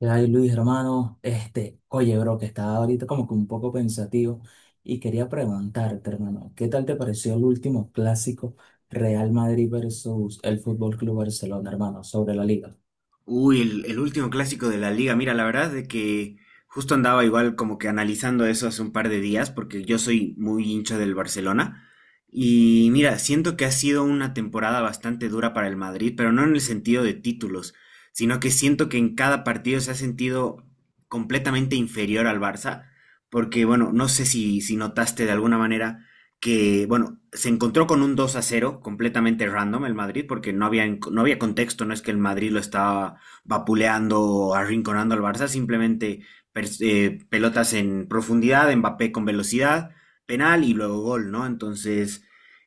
Ay, Luis, hermano, oye, bro, que estaba ahorita como que un poco pensativo y quería preguntarte, hermano, ¿qué tal te pareció el último clásico Real Madrid versus el Fútbol Club Barcelona, hermano, sobre la liga? Uy, el último clásico de la liga. Mira, la verdad de que justo andaba igual como que analizando eso hace un par de días, porque yo soy muy hincha del Barcelona. Y mira, siento que ha sido una temporada bastante dura para el Madrid, pero no en el sentido de títulos, sino que siento que en cada partido se ha sentido completamente inferior al Barça, porque bueno, no sé si notaste de alguna manera que, bueno, se encontró con un 2-0 completamente random el Madrid, porque no había contexto, no es que el Madrid lo estaba vapuleando, arrinconando al Barça, simplemente pelotas en profundidad, Mbappé con velocidad, penal y luego gol, ¿no? Entonces,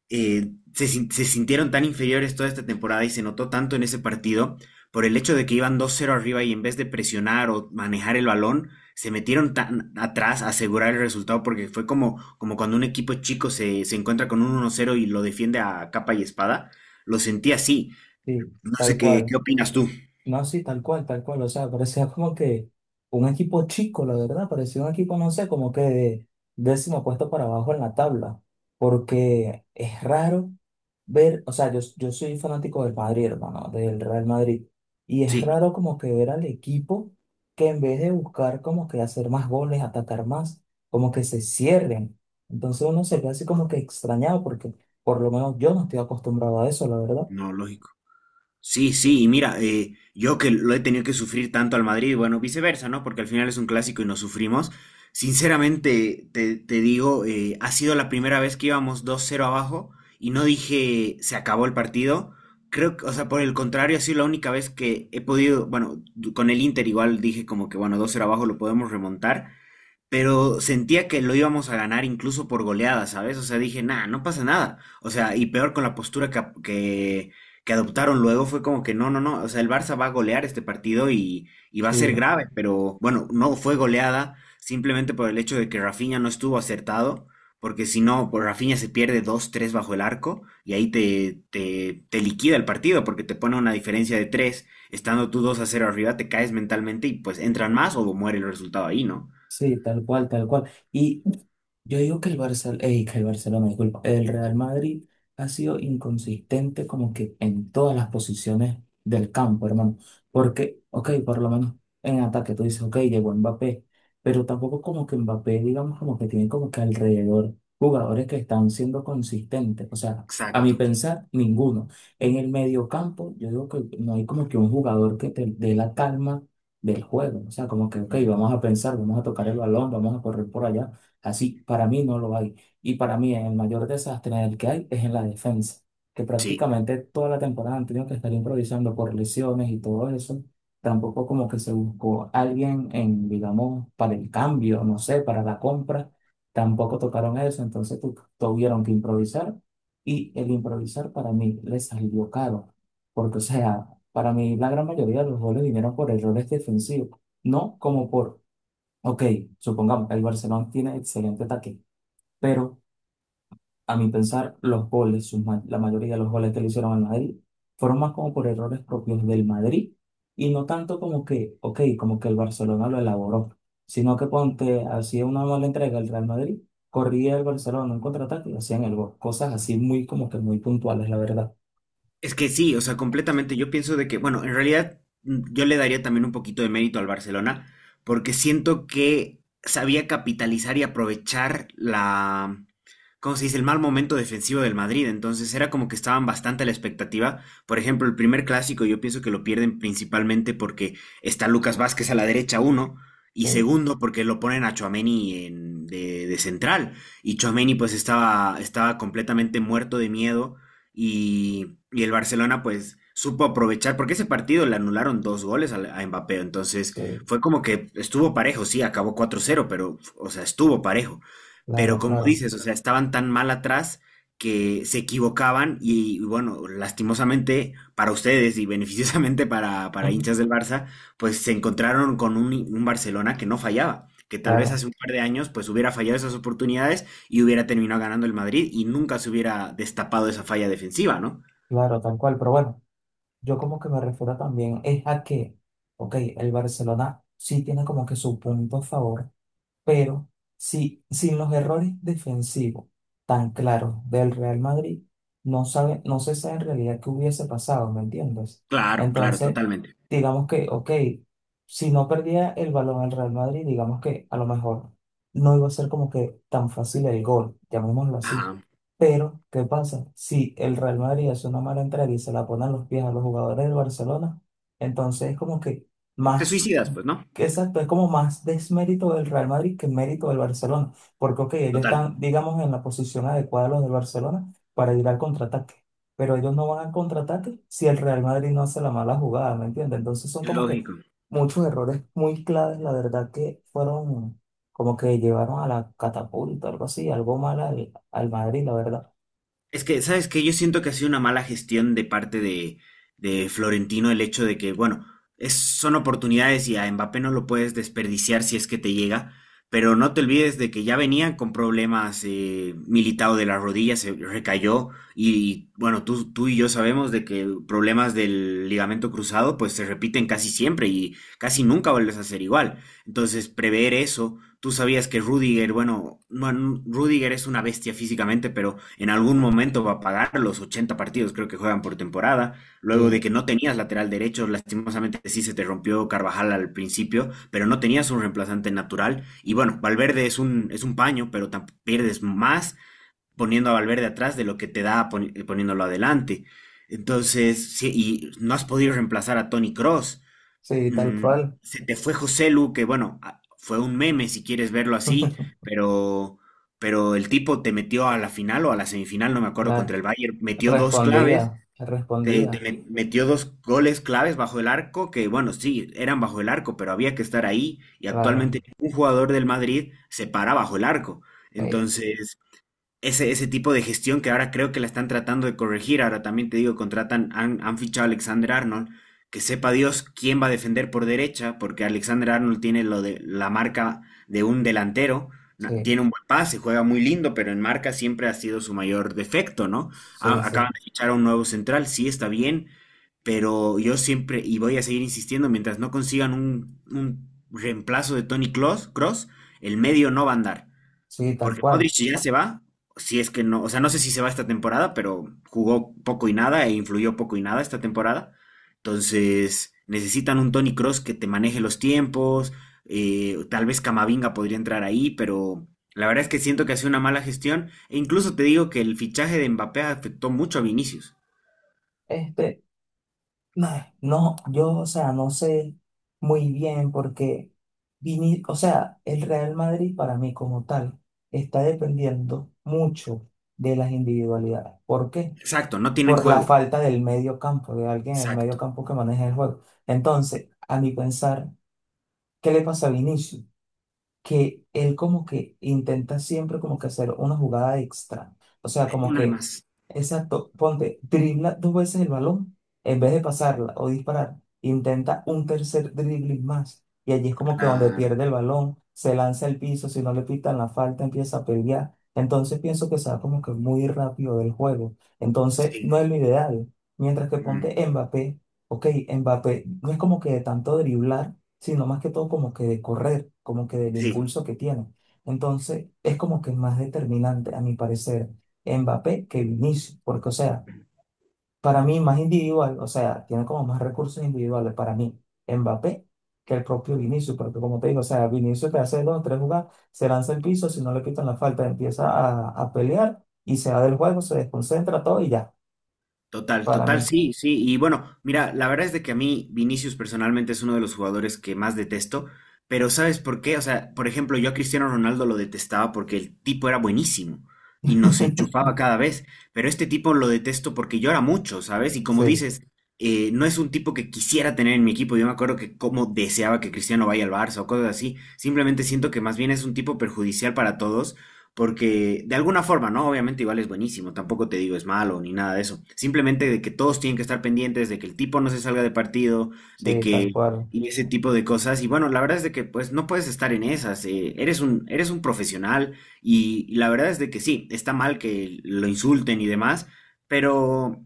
se, sin- se sintieron tan inferiores toda esta temporada y se notó tanto en ese partido por el hecho de que iban 2-0 arriba y en vez de presionar o manejar el balón, se metieron tan atrás a asegurar el resultado porque fue como, como cuando un equipo chico se encuentra con un 1-0 y lo defiende a capa y espada. Lo sentí así. Sí, No tal sé qué, cual. qué opinas tú. No, sí, tal cual, tal cual. O sea, parecía como que un equipo chico, la verdad. Parecía un equipo, no sé, como que de décimo puesto para abajo en la tabla. Porque es raro ver, o sea, yo soy fanático del Madrid, hermano, del Real Madrid. Y es Sí. raro como que ver al equipo que en vez de buscar como que hacer más goles, atacar más, como que se cierren. Entonces uno se ve así como que extrañado porque por lo menos yo no estoy acostumbrado a eso, la verdad. No, lógico. Sí, sí, y mira, yo que lo he tenido que sufrir tanto al Madrid, bueno, viceversa, ¿no? Porque al final es un clásico y nos sufrimos. Sinceramente, te digo, ha sido la primera vez que íbamos 2-0 abajo y no dije se acabó el partido. Creo que, o sea, por el contrario, ha sido la única vez que he podido, bueno, du- con el Inter igual dije como que, bueno, 2-0 abajo lo podemos remontar pero sentía que lo íbamos a ganar incluso por goleada, ¿sabes? O sea, dije, nah, no pasa nada. O sea, y peor con la postura que adoptaron luego fue como que no, no, no, o sea, el Barça va a golear este partido y va a ser Sí, grave, pero bueno, no fue goleada simplemente por el hecho de que Rafinha no estuvo acertado, porque si no, pues Rafinha se pierde dos tres bajo el arco y ahí te liquida el partido porque te pone una diferencia de 3, estando tú 2-0 arriba, te caes mentalmente y pues entran más o muere el resultado ahí, ¿no? sí, tal cual, tal cual. Y yo digo que el Barcelona, disculpa, el Real Madrid ha sido inconsistente como que en todas las posiciones del campo, hermano. Porque, ok, por lo menos en ataque tú dices, ok, llegó Mbappé, pero tampoco como que Mbappé, digamos, como que tiene como que alrededor jugadores que están siendo consistentes. O sea, a mi Exacto. pensar, ninguno. En el medio campo, yo digo que no hay como que un jugador que te dé la calma del juego. O sea, como que, ok, Mm, vamos a pensar, vamos a tocar el balón, vamos a correr por allá. Así, para mí no lo hay. Y para mí el mayor desastre en el que hay es en la defensa, que sí. prácticamente toda la temporada han tenido que estar improvisando por lesiones y todo eso. Tampoco como que se buscó alguien en, digamos, para el cambio, no sé, para la compra. Tampoco tocaron eso, entonces tuvieron que improvisar y el improvisar para mí les salió caro, porque o sea, para mí, la gran mayoría de los goles vinieron por errores defensivos, no como por, ok, supongamos, el Barcelona tiene excelente ataque, pero a mi pensar, los goles, la mayoría de los goles que le hicieron al Madrid, fueron más como por errores propios del Madrid y no tanto como que, ok, como que el Barcelona lo elaboró, sino que ponte, hacía una mala entrega el Real Madrid, corría el Barcelona en contraataque y hacían el gol. Cosas así muy como que muy puntuales, la verdad. Es que sí, o sea, completamente. Yo pienso de que, bueno, en realidad yo le daría también un poquito de mérito al Barcelona, porque siento que sabía capitalizar y aprovechar la, ¿cómo se dice?, el mal momento defensivo del Madrid. Entonces era como que estaban bastante a la expectativa. Por ejemplo, el primer clásico yo pienso que lo pierden principalmente porque está Lucas Vázquez a la derecha, uno. Y Sí, segundo, porque lo ponen a Tchouaméni de central. Y Tchouaméni pues estaba completamente muerto de miedo y el Barcelona pues supo aprovechar, porque ese partido le anularon dos goles a Mbappé, entonces sí, fue como que estuvo parejo, sí, acabó 4-0 pero, o sea, estuvo parejo. Pero claro, como claro. dices, o sea, estaban tan mal atrás que se equivocaban y, bueno, lastimosamente para ustedes y beneficiosamente para Ujú. hinchas del Barça, pues se encontraron con un Barcelona que no fallaba, que tal vez Claro. hace un par de años pues hubiera fallado esas oportunidades y hubiera terminado ganando el Madrid y nunca se hubiera destapado esa falla defensiva, ¿no? Claro, tal cual, pero bueno, yo como que me refiero también es a que, ok, el Barcelona sí tiene como que su punto a favor, pero si sin los errores defensivos tan claros del Real Madrid, no sabe, no se sabe en realidad qué hubiese pasado, ¿me entiendes? Claro, claro, Entonces, totalmente. digamos que, ok, si no perdía el balón el Real Madrid, digamos que a lo mejor no iba a ser como que tan fácil el gol, llamémoslo así. Ajá. Pero, ¿qué pasa? Si el Real Madrid hace una mala entrada y se la pone a los pies a los jugadores del Barcelona, entonces es como que Te más suicidas, pues, ¿no? que exacto, es como más desmérito del Real Madrid que mérito del Barcelona, porque ok, ellos Total. están, digamos, en la posición adecuada los del Barcelona para ir al contraataque, pero ellos no van al contraataque si el Real Madrid no hace la mala jugada, ¿me entiendes? Entonces son como que Lógico. muchos errores muy claves, la verdad que fueron como que llevaron a la catapulta, algo así, algo mal al, al Madrid, la verdad. Es que, ¿sabes qué? Yo siento que ha sido una mala gestión de parte de Florentino el hecho de que, bueno, es, son oportunidades y a Mbappé no lo puedes desperdiciar si es que te llega, pero no te olvides de que ya venía con problemas militado de las rodillas, se recayó y, bueno, tú y yo sabemos de que problemas del ligamento cruzado pues se repiten casi siempre y casi nunca vuelves a ser igual. Entonces, prever eso. Tú sabías que Rudiger, bueno, no, Rudiger es una bestia físicamente, pero en algún momento va a pagar los 80 partidos, creo que juegan por temporada. Luego de que Sí, no tenías lateral derecho, lastimosamente sí se te rompió Carvajal al principio, pero no tenías un reemplazante natural. Y bueno, Valverde es un paño, pero pierdes más poniendo a Valverde atrás de lo que te da poniéndolo adelante. Entonces, sí, y no has podido reemplazar a Tony Cross. sí, tal Mm, cual. Se te fue José Lu, que bueno, fue un meme si quieres verlo así, pero, pero el tipo te metió a la final o a la semifinal, no me acuerdo, contra Claro, el Bayern, metió dos claves, respondía, te, te respondía, met- metió dos goles claves bajo el arco, que bueno, sí, eran bajo el arco, pero había que estar ahí y claro, actualmente ningún jugador del Madrid se para bajo el arco. sí, Entonces, ese tipo de gestión que ahora creo que la están tratando de corregir. Ahora también te digo, han fichado a Alexander Arnold, que sepa Dios quién va a defender por derecha, porque Alexander Arnold tiene lo de la marca de un delantero, sí, tiene un buen pase, juega muy lindo, pero en marca siempre ha sido su mayor defecto, ¿no? sí. A- Sí. acaban de fichar a un nuevo central, sí está bien, pero yo siempre, y voy a seguir insistiendo, mientras no consigan un reemplazo de Tony Kroos, el medio no va a andar. Sí, tal Porque cual. Modric ya se va, si es que no, o sea, no sé si se va esta temporada, pero jugó poco y nada e influyó poco y nada esta temporada. Entonces, necesitan un Tony Cross que te maneje los tiempos, tal vez Camavinga podría entrar ahí, pero la verdad es que siento que hace una mala gestión e incluso te digo que el fichaje de Mbappé afectó mucho a Vinicius. Este, no, no, yo, o sea, no sé muy bien porque o sea, el Real Madrid para mí como tal está dependiendo mucho de las individualidades. ¿Por qué? Exacto, no tienen Por la juego. falta del medio campo, de alguien en el medio Exacto. campo que maneje el juego. Entonces, a mi pensar, ¿qué le pasa a Vinicius? Que él como que intenta siempre como que hacer una jugada extra. O sea, Eh, como Una que, más. exacto, ponte, dribla dos veces el balón en vez de pasarla o disparar, intenta un tercer dribbling más. Y allí es como que donde Claro, pierde el balón, se lanza al piso, si no le pitan la falta, empieza a pelear. Entonces pienso que se va como que muy rápido del juego. Entonces sí. no es lo ideal. Mientras que Mm, ponte Mbappé, ok, Mbappé no es como que de tanto driblar sino más que todo como que de correr, como que del sí. impulso que tiene. Entonces, es como que es más determinante, a mi parecer, Mbappé que Vinicius, porque, o sea, para mí más individual, o sea, tiene como más recursos individuales para mí, Mbappé que el propio Vinicius, porque como te digo, o sea, Vinicius te hace dos, o tres jugadas, se lanza al piso, si no le quitan la falta, empieza a pelear y se va del juego, se desconcentra todo y ya, Total, para total, mí. sí, sí. Y bueno, mira, la verdad es de que a mí Vinicius personalmente es uno de los jugadores que más detesto, pero ¿sabes por qué? O sea, por ejemplo, yo a Cristiano Ronaldo lo detestaba porque el tipo era buenísimo y nos enchufaba cada vez, pero este tipo lo detesto porque llora mucho, ¿sabes? Y como Sí, dices, no es un tipo que quisiera tener en mi equipo. Yo me acuerdo que como deseaba que Cristiano vaya al Barça o cosas así. Simplemente siento que más bien es un tipo perjudicial para todos porque de alguna forma, ¿no? Obviamente igual es buenísimo, tampoco te digo es malo ni nada de eso. Simplemente de que todos tienen que estar pendientes, de que el tipo no se salga de partido, de sí, tal que cual. y ese tipo de cosas. Y bueno, la verdad es de que pues no puedes estar en esas. Eres un profesional y la verdad es de que sí, está mal que lo insulten y demás, pero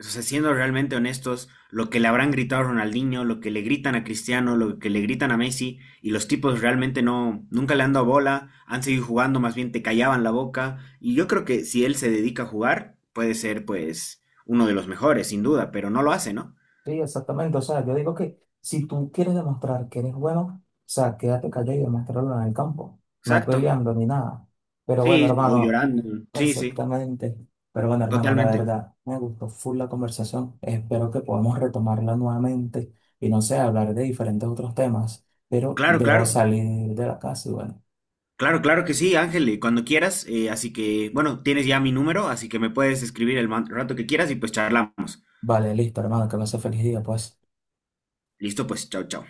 o sea, siendo realmente honestos, lo que le habrán gritado a Ronaldinho, lo que le gritan a Cristiano, lo que le gritan a Messi, y los tipos realmente no, nunca le han dado bola, han seguido jugando, más bien te callaban la boca, y yo creo que si él se dedica a jugar, puede ser pues uno de los mejores, sin duda, pero no lo hace, ¿no? Sí, exactamente. O sea, yo digo que si tú quieres demostrar que eres bueno, o sea, quédate callado y demuéstralo en el campo, no Exacto, peleando ni nada. Pero bueno, sí, o hermano, llorando, sí, sí, exactamente. Pero bueno, hermano, la totalmente. verdad, me gustó full la conversación. Espero que podamos retomarla nuevamente y no sé, hablar de diferentes otros temas. Pero Claro, debo claro, salir de la casa y bueno, claro, claro que sí, Ángel, y cuando quieras, así que, bueno, tienes ya mi número, así que me puedes escribir el man- rato que quieras y pues charlamos. vale, listo, hermano, que me hace feliz día, pues. Listo, pues, chao, chao.